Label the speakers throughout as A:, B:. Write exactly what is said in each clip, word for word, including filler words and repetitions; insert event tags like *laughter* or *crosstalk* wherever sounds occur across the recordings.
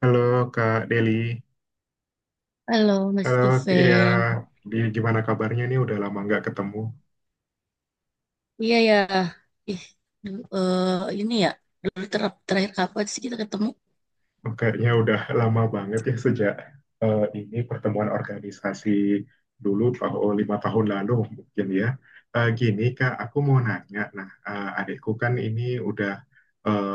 A: Halo Kak Deli,
B: Halo Mas
A: halo ya,
B: Juven.
A: gimana kabarnya nih? Udah lama nggak ketemu.
B: Iya ya. Ih, du- eh, ini ya. Dulu ter- terakhir kapan sih kita ketemu?
A: Oh, kayaknya udah lama banget ya sejak eh, ini pertemuan organisasi dulu tahun lima tahun lalu mungkin ya. Eh, gini Kak, aku mau nanya. Nah, eh, adikku kan ini udah eh,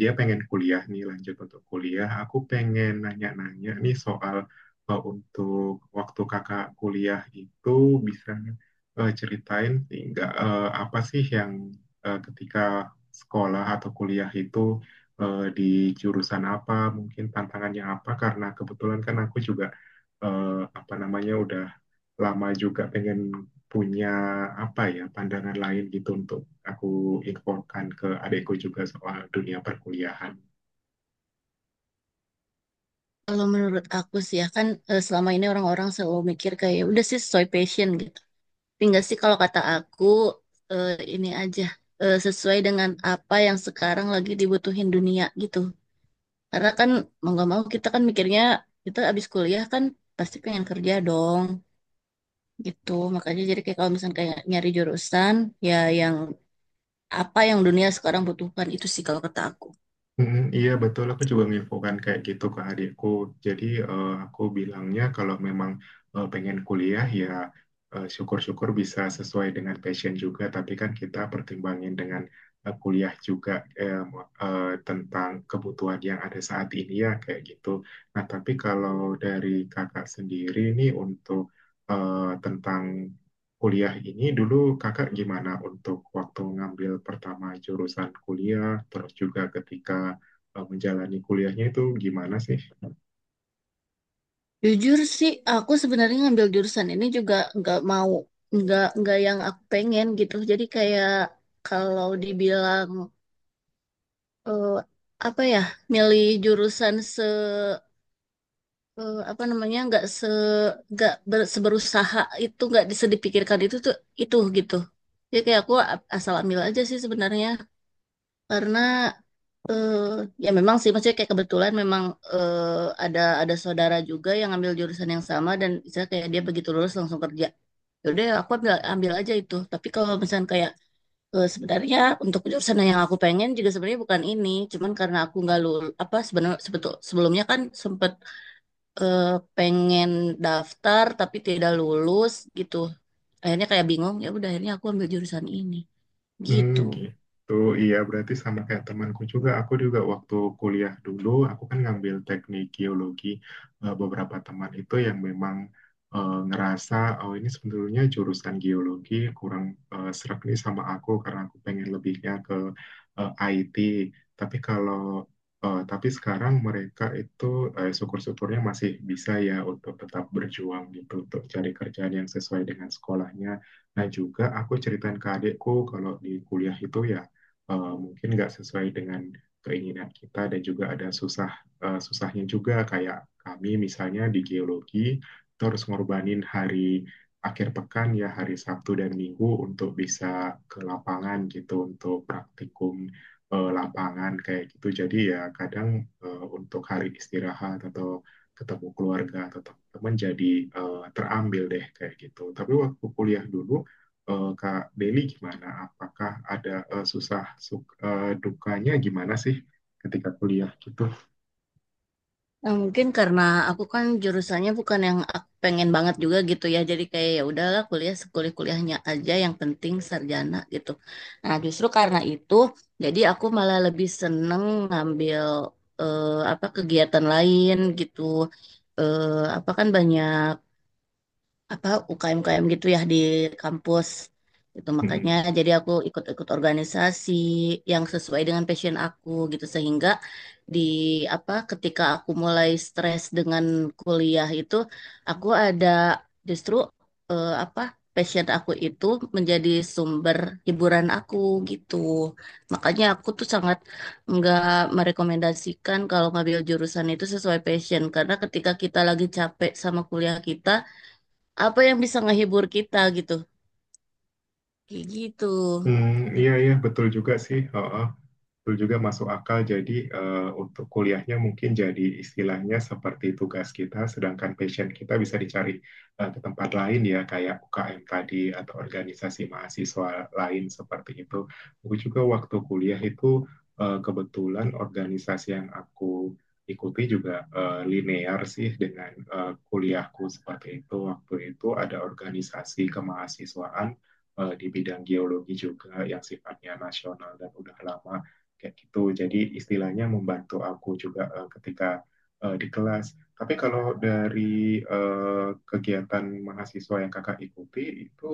A: dia pengen kuliah nih lanjut untuk kuliah. Aku pengen nanya-nanya nih soal eh, untuk waktu kakak kuliah itu bisa eh, ceritain nggak eh, apa sih yang eh, ketika sekolah atau kuliah itu eh, di jurusan apa, mungkin tantangannya apa, karena kebetulan kan aku juga eh, apa namanya udah lama juga pengen punya apa ya pandangan lain gitu untuk aku infokan ke adekku juga soal dunia perkuliahan.
B: Kalau menurut aku sih, ya kan, eh, selama ini orang-orang selalu mikir kayak udah sih sesuai passion gitu. Tapi enggak sih kalau kata aku, eh, ini aja, eh, sesuai dengan apa yang sekarang lagi dibutuhin dunia gitu. Karena kan mau nggak mau kita kan mikirnya kita abis kuliah kan pasti pengen kerja dong gitu. Makanya jadi kayak kalau misalnya kayak nyari jurusan, ya yang apa yang dunia sekarang butuhkan itu sih kalau kata aku.
A: Mm, iya betul, aku juga nginfokan kayak gitu ke adikku. Jadi eh, aku bilangnya kalau memang eh, pengen kuliah ya eh, syukur-syukur bisa sesuai dengan passion juga. Tapi kan kita pertimbangin dengan eh, kuliah juga eh, mo- eh, tentang kebutuhan yang ada saat ini ya kayak gitu. Nah tapi kalau dari kakak sendiri nih untuk eh, tentang kuliah ini dulu kakak gimana untuk waktu ngambil pertama jurusan kuliah, terus juga ketika eh, menjalani kuliahnya itu gimana sih?
B: Jujur sih, aku sebenarnya ngambil jurusan ini juga nggak mau, nggak nggak yang aku pengen gitu. Jadi kayak kalau dibilang, eh, apa ya, milih jurusan se eh, apa namanya nggak se nggak ber- seberusaha itu nggak bisa dipikirkan itu tuh itu gitu. Jadi kayak aku a- asal ambil aja sih sebenarnya karena Eh, ya memang sih maksudnya kayak kebetulan memang, eh, ada ada saudara juga yang ambil jurusan yang sama dan misalnya kayak dia begitu lulus langsung kerja. Yaudah aku ambil ambil aja itu. Tapi kalau misalnya kayak, eh, sebenarnya untuk jurusan yang aku pengen juga sebenarnya bukan ini, cuman karena aku nggak lulus apa sebenarnya sebetul sebelumnya kan sempet, eh, pengen daftar tapi tidak lulus gitu. Akhirnya kayak bingung, ya udah akhirnya aku ambil jurusan ini
A: Hmm,
B: gitu.
A: gitu. Iya, berarti sama kayak temanku juga. Aku juga waktu kuliah dulu, aku kan ngambil teknik geologi. Eh, Beberapa teman itu yang memang eh, ngerasa, oh ini sebetulnya jurusan geologi kurang eh, serak nih sama aku karena aku pengen lebihnya ke eh, I T. Tapi kalau eh, tapi sekarang mereka itu eh, syukur-syukurnya masih bisa ya untuk tetap berjuang gitu untuk cari kerjaan yang sesuai dengan sekolahnya. Nah juga aku ceritain ke adikku kalau di kuliah itu ya eh, mungkin nggak sesuai dengan keinginan kita dan juga ada susah eh, susahnya juga kayak kami misalnya di geologi kita harus ngorbanin hari akhir pekan ya hari Sabtu dan Minggu untuk bisa ke lapangan gitu untuk praktikum eh, lapangan kayak gitu. Jadi ya kadang eh, untuk hari istirahat atau ketemu keluarga atau teman-teman jadi eh, terambil deh kayak gitu. Tapi waktu kuliah dulu eh, Kak Deli gimana? Apakah ada eh, susah suk- eh, dukanya gimana sih ketika kuliah gitu?
B: Nah, mungkin karena aku kan jurusannya bukan yang ak- pengen banget juga gitu ya. Jadi kayak ya udahlah kuliah sekuliah-kuliahnya aja yang penting sarjana gitu. Nah, justru karena itu jadi aku malah lebih seneng ngambil, eh, apa, kegiatan lain gitu. Eh, apa, kan banyak apa U K M-U K M gitu ya di kampus. Itu
A: Hmm.
B: makanya jadi aku ikut-ikut organisasi yang sesuai dengan passion aku gitu sehingga di apa ketika aku mulai stres dengan kuliah itu, aku ada justru, eh, apa, passion aku itu menjadi sumber hiburan aku gitu. Makanya aku tuh sangat nggak merekomendasikan kalau ngambil jurusan itu sesuai passion, karena ketika kita lagi capek sama kuliah kita, apa yang bisa ngehibur kita gitu, kayak gitu.
A: Hmm, iya iya betul juga sih. Heeh. Betul juga masuk akal. Jadi eh, untuk kuliahnya mungkin jadi istilahnya seperti tugas kita, sedangkan passion kita bisa dicari eh, ke tempat lain ya kayak U K M tadi atau organisasi mahasiswa lain seperti itu. Aku juga waktu kuliah itu eh, kebetulan organisasi yang aku ikuti juga eh, linear sih dengan eh, kuliahku seperti itu. Waktu itu ada organisasi kemahasiswaan eh, di bidang geologi juga yang sifatnya nasional dan udah lama kayak gitu. Jadi istilahnya membantu aku juga eh, ketika eh, di kelas. Tapi kalau dari eh, kegiatan mahasiswa yang kakak ikuti itu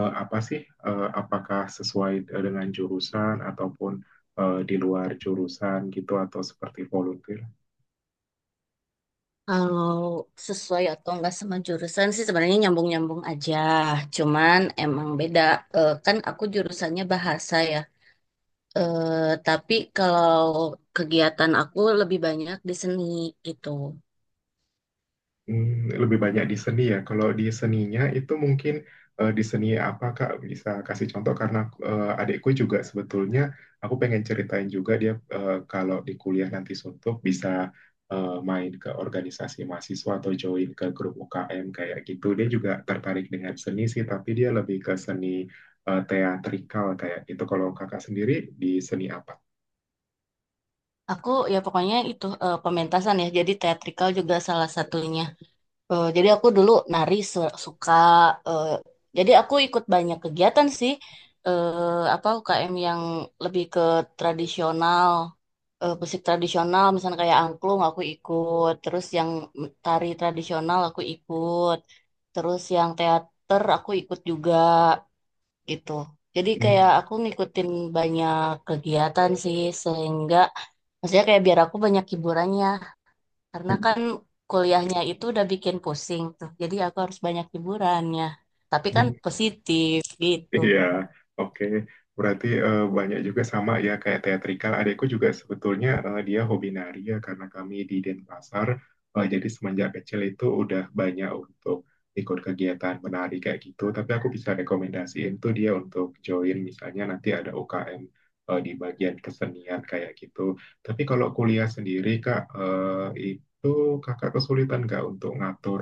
A: eh, apa sih? Eh, apakah sesuai eh, dengan jurusan ataupun eh, di luar jurusan gitu atau seperti volunteer?
B: Kalau sesuai atau enggak sama jurusan sih sebenarnya nyambung-nyambung aja, cuman emang beda. Eh, kan aku jurusannya bahasa ya. Eh, tapi kalau kegiatan aku lebih banyak di seni gitu.
A: Hmm, lebih banyak di seni ya. Kalau di seninya itu mungkin eh, di seni apa Kak bisa kasih contoh karena eh, adikku juga sebetulnya aku pengen ceritain juga dia eh, kalau di kuliah nanti suntuk bisa eh, main ke organisasi mahasiswa atau join ke grup U K M kayak gitu. Dia juga tertarik dengan seni sih, tapi dia lebih ke seni eh, teatrikal kayak gitu. Kalau Kakak sendiri di seni apa?
B: Aku ya pokoknya itu, eh, pementasan ya, jadi teatrikal juga salah satunya. Eh, jadi aku dulu nari se- suka. eh, jadi aku ikut banyak kegiatan sih. eh apa U K M yang lebih ke tradisional, eh, musik tradisional, misalnya kayak angklung aku ikut. Terus yang tari tradisional aku ikut. Terus yang teater aku ikut juga gitu. Jadi kayak
A: Hmm.
B: aku ngikutin banyak kegiatan sih sehingga maksudnya kayak biar aku banyak hiburannya karena kan kuliahnya itu udah bikin pusing tuh. Jadi aku harus banyak hiburannya. Tapi kan
A: *laughs*
B: positif gitu.
A: Iya, oke. Berarti eh, banyak juga sama ya kayak teatrikal. Adekku juga sebetulnya eh, dia hobi nari ya karena kami di Denpasar. Eh, jadi semenjak kecil itu udah banyak untuk ikut kegiatan menari kayak gitu. Tapi aku bisa rekomendasiin tuh dia untuk join misalnya nanti ada U K M eh, di bagian kesenian kayak gitu. Tapi kalau kuliah sendiri Kak, eh, itu Kakak kesulitan nggak untuk ngatur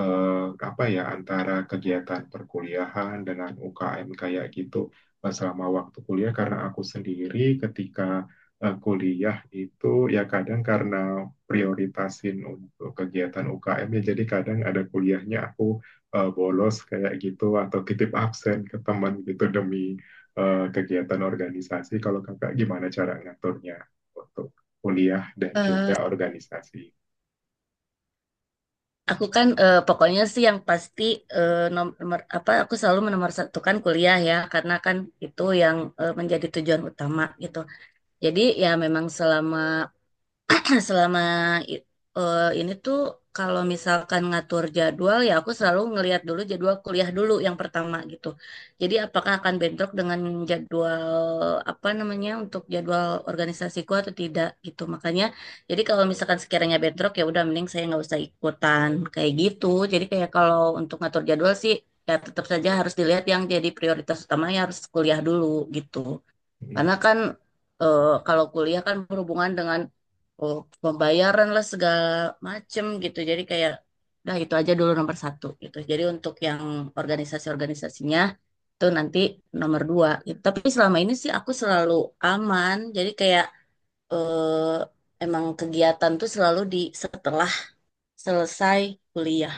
A: eh, apa ya antara kegiatan perkuliahan dengan U K M kayak gitu eh, selama waktu kuliah karena aku sendiri ketika eh, kuliah itu ya kadang karena prioritasin untuk kegiatan U K M ya jadi kadang ada kuliahnya aku eh, bolos kayak gitu atau titip absen ke teman gitu demi eh, kegiatan organisasi. Kalau kakak gimana cara ngaturnya untuk kuliah dan juga
B: Eh,
A: organisasi?
B: aku kan, eh, pokoknya sih yang pasti, eh, nomor apa, aku selalu menomorsatukan kuliah ya karena kan itu yang, eh, menjadi tujuan utama gitu. Jadi ya memang selama *clears throat* selama i- eh, ini tuh kalau misalkan ngatur jadwal ya aku selalu ngelihat dulu jadwal kuliah dulu yang pertama gitu. Jadi apakah akan bentrok dengan jadwal apa namanya untuk jadwal organisasiku atau tidak gitu. Makanya jadi kalau misalkan sekiranya bentrok ya udah mending saya nggak usah ikutan kayak gitu. Jadi kayak kalau untuk ngatur jadwal sih ya tetap saja harus dilihat yang jadi prioritas utamanya harus kuliah dulu gitu. Karena kan, eh, kalau kuliah kan berhubungan dengan, oh, pembayaran lah segala macem gitu. Jadi kayak udah itu aja dulu nomor satu gitu. Jadi untuk yang organisasi-organisasinya itu nanti nomor dua gitu. Tapi selama ini sih aku selalu aman. Jadi kayak, eh, emang kegiatan tuh selalu di setelah selesai kuliah.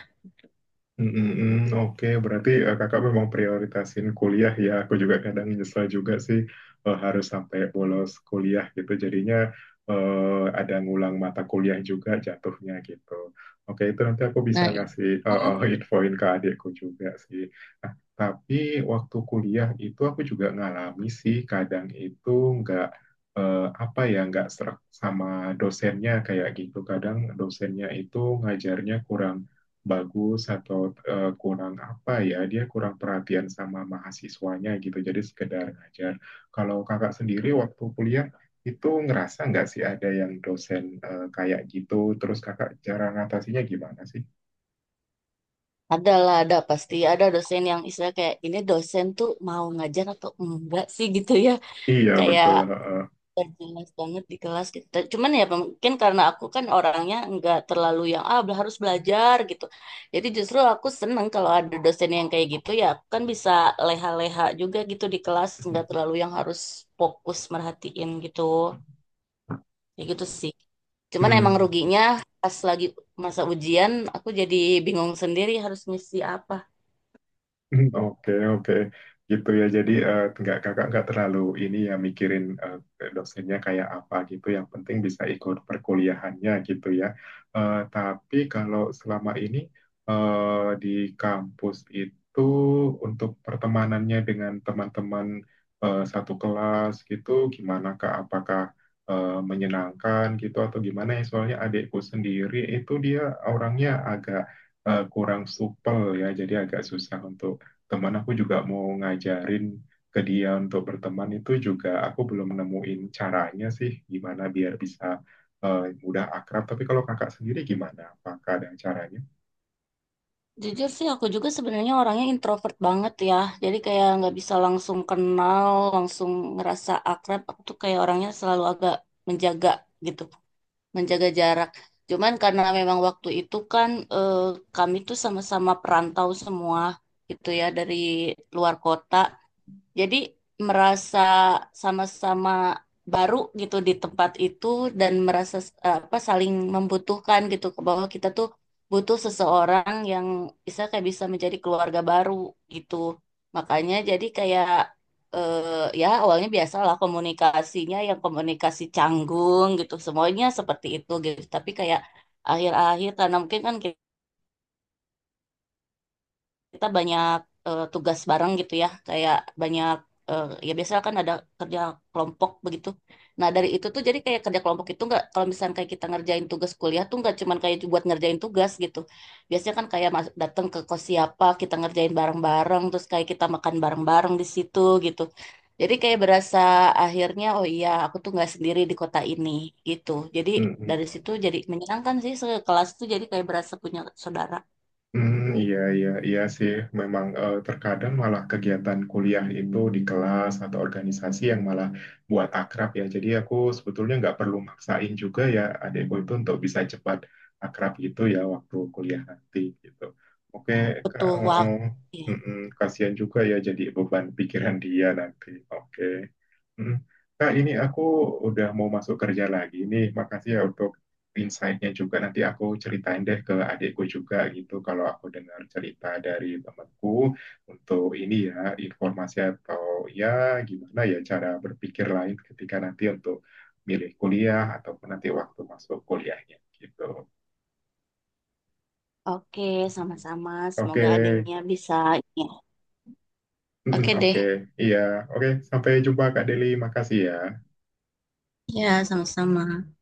A: Mm, mm, mm. Oke, berarti eh, kakak memang prioritasin kuliah ya. Aku juga kadang nyesel juga sih eh, harus sampai bolos kuliah gitu. Jadinya eh, ada ngulang mata kuliah juga jatuhnya gitu. Oke, itu nanti aku bisa
B: Nah, itu
A: ngasih eh, eh, *laughs* infoin ke adikku juga sih. Nah, tapi waktu kuliah itu aku juga ngalami sih kadang itu nggak eh, apa ya nggak serak sama dosennya kayak gitu. Kadang dosennya itu ngajarnya kurang bagus atau eh, kurang apa ya dia kurang perhatian sama mahasiswanya gitu jadi sekedar ngajar kalau kakak sendiri waktu kuliah itu ngerasa nggak sih ada yang dosen eh, kayak gitu terus kakak cara ngatasinya gimana sih
B: adalah ada pasti ada dosen yang istilah kayak ini dosen tuh mau ngajar atau enggak sih gitu ya.
A: iya
B: Kayak
A: betul heeh.
B: gak jelas banget di kelas gitu. Ta- Cuman ya mungkin karena aku kan orangnya nggak terlalu yang ah bel- harus belajar gitu. Jadi justru aku seneng kalau ada dosen yang kayak gitu, ya aku kan bisa leha-leha juga gitu di kelas, nggak
A: *laughs*
B: terlalu yang harus fokus merhatiin gitu. Ya gitu sih. Cuman emang
A: Hmm.
B: ruginya pas lagi masa ujian aku jadi bingung sendiri harus ngisi apa.
A: *laughs* Hmm, oke, oke. Gitu ya. Jadi eh, nggak kakak nggak terlalu ini ya mikirin eh, dosennya kayak apa gitu. Yang penting bisa ikut perkuliahannya gitu ya. Eh, tapi kalau selama ini eh, di kampus itu untuk pertemanannya dengan teman-teman eh, satu kelas gitu, gimana Kak? Apakah eh, menyenangkan gitu atau gimana ya? Soalnya adikku sendiri itu dia orangnya agak eh, kurang supel ya, jadi agak susah untuk teman aku juga mau ngajarin ke dia untuk berteman itu juga aku belum nemuin caranya sih gimana biar bisa eh, mudah akrab. Tapi kalau kakak sendiri gimana? Apakah ada caranya?
B: Jujur sih aku juga sebenarnya orangnya introvert banget ya. Jadi kayak nggak bisa langsung kenal, langsung ngerasa akrab. Aku tuh kayak orangnya selalu agak menjaga gitu, menjaga jarak. Cuman karena memang waktu itu kan, eh, kami tuh sama-sama perantau semua gitu ya dari luar kota. Jadi merasa sama-sama baru gitu di tempat itu, dan merasa, eh, apa, saling membutuhkan gitu, ke bahwa kita tuh butuh seseorang yang bisa kayak bisa menjadi keluarga baru gitu. Makanya jadi kayak, eh, ya awalnya biasalah komunikasinya, yang komunikasi canggung gitu. Semuanya seperti itu gitu. Tapi kayak akhir-akhir karena mungkin kan kita banyak, eh, tugas bareng gitu, ya kayak banyak, eh, ya biasanya kan ada kerja kelompok begitu, nah dari itu tuh jadi kayak kerja kelompok itu nggak, kalau misalnya kayak kita ngerjain tugas kuliah tuh nggak cuman kayak buat ngerjain tugas gitu, biasanya kan kayak mas- datang ke kos siapa, kita ngerjain bareng-bareng, terus kayak kita makan bareng-bareng di situ gitu. Jadi kayak berasa akhirnya, oh iya, aku tuh nggak sendiri di kota ini gitu. Jadi
A: Hmm.
B: dari situ jadi menyenangkan sih, sekelas tuh jadi kayak berasa punya saudara.
A: Hmm, iya, iya, iya sih. Memang eh, terkadang malah kegiatan kuliah itu di kelas atau organisasi yang malah buat akrab ya. Jadi aku sebetulnya nggak perlu maksain juga ya adekku itu untuk bisa cepat akrab gitu ya waktu kuliah nanti gitu. Oke, Kak,
B: Butuh
A: oh, oh.
B: waktu.
A: Mm-mm, kasihan juga ya jadi beban pikiran dia nanti. Oke. Hmm. Kak, ini aku udah mau masuk kerja lagi. Ini makasih ya untuk insight-nya juga. Nanti aku ceritain deh ke adikku juga gitu. Kalau aku dengar cerita dari temanku untuk ini ya, informasi atau ya gimana ya cara berpikir lain ketika nanti untuk milih kuliah ataupun nanti waktu masuk kuliahnya gitu.
B: Oke,
A: Hmm.
B: sama-sama. Semoga
A: Oke,
B: adanya bisa. Ya.
A: hmm,
B: Oke
A: oke,
B: deh.
A: iya, oke. Sampai jumpa Kak Deli. Makasih ya.
B: Ya, sama-sama.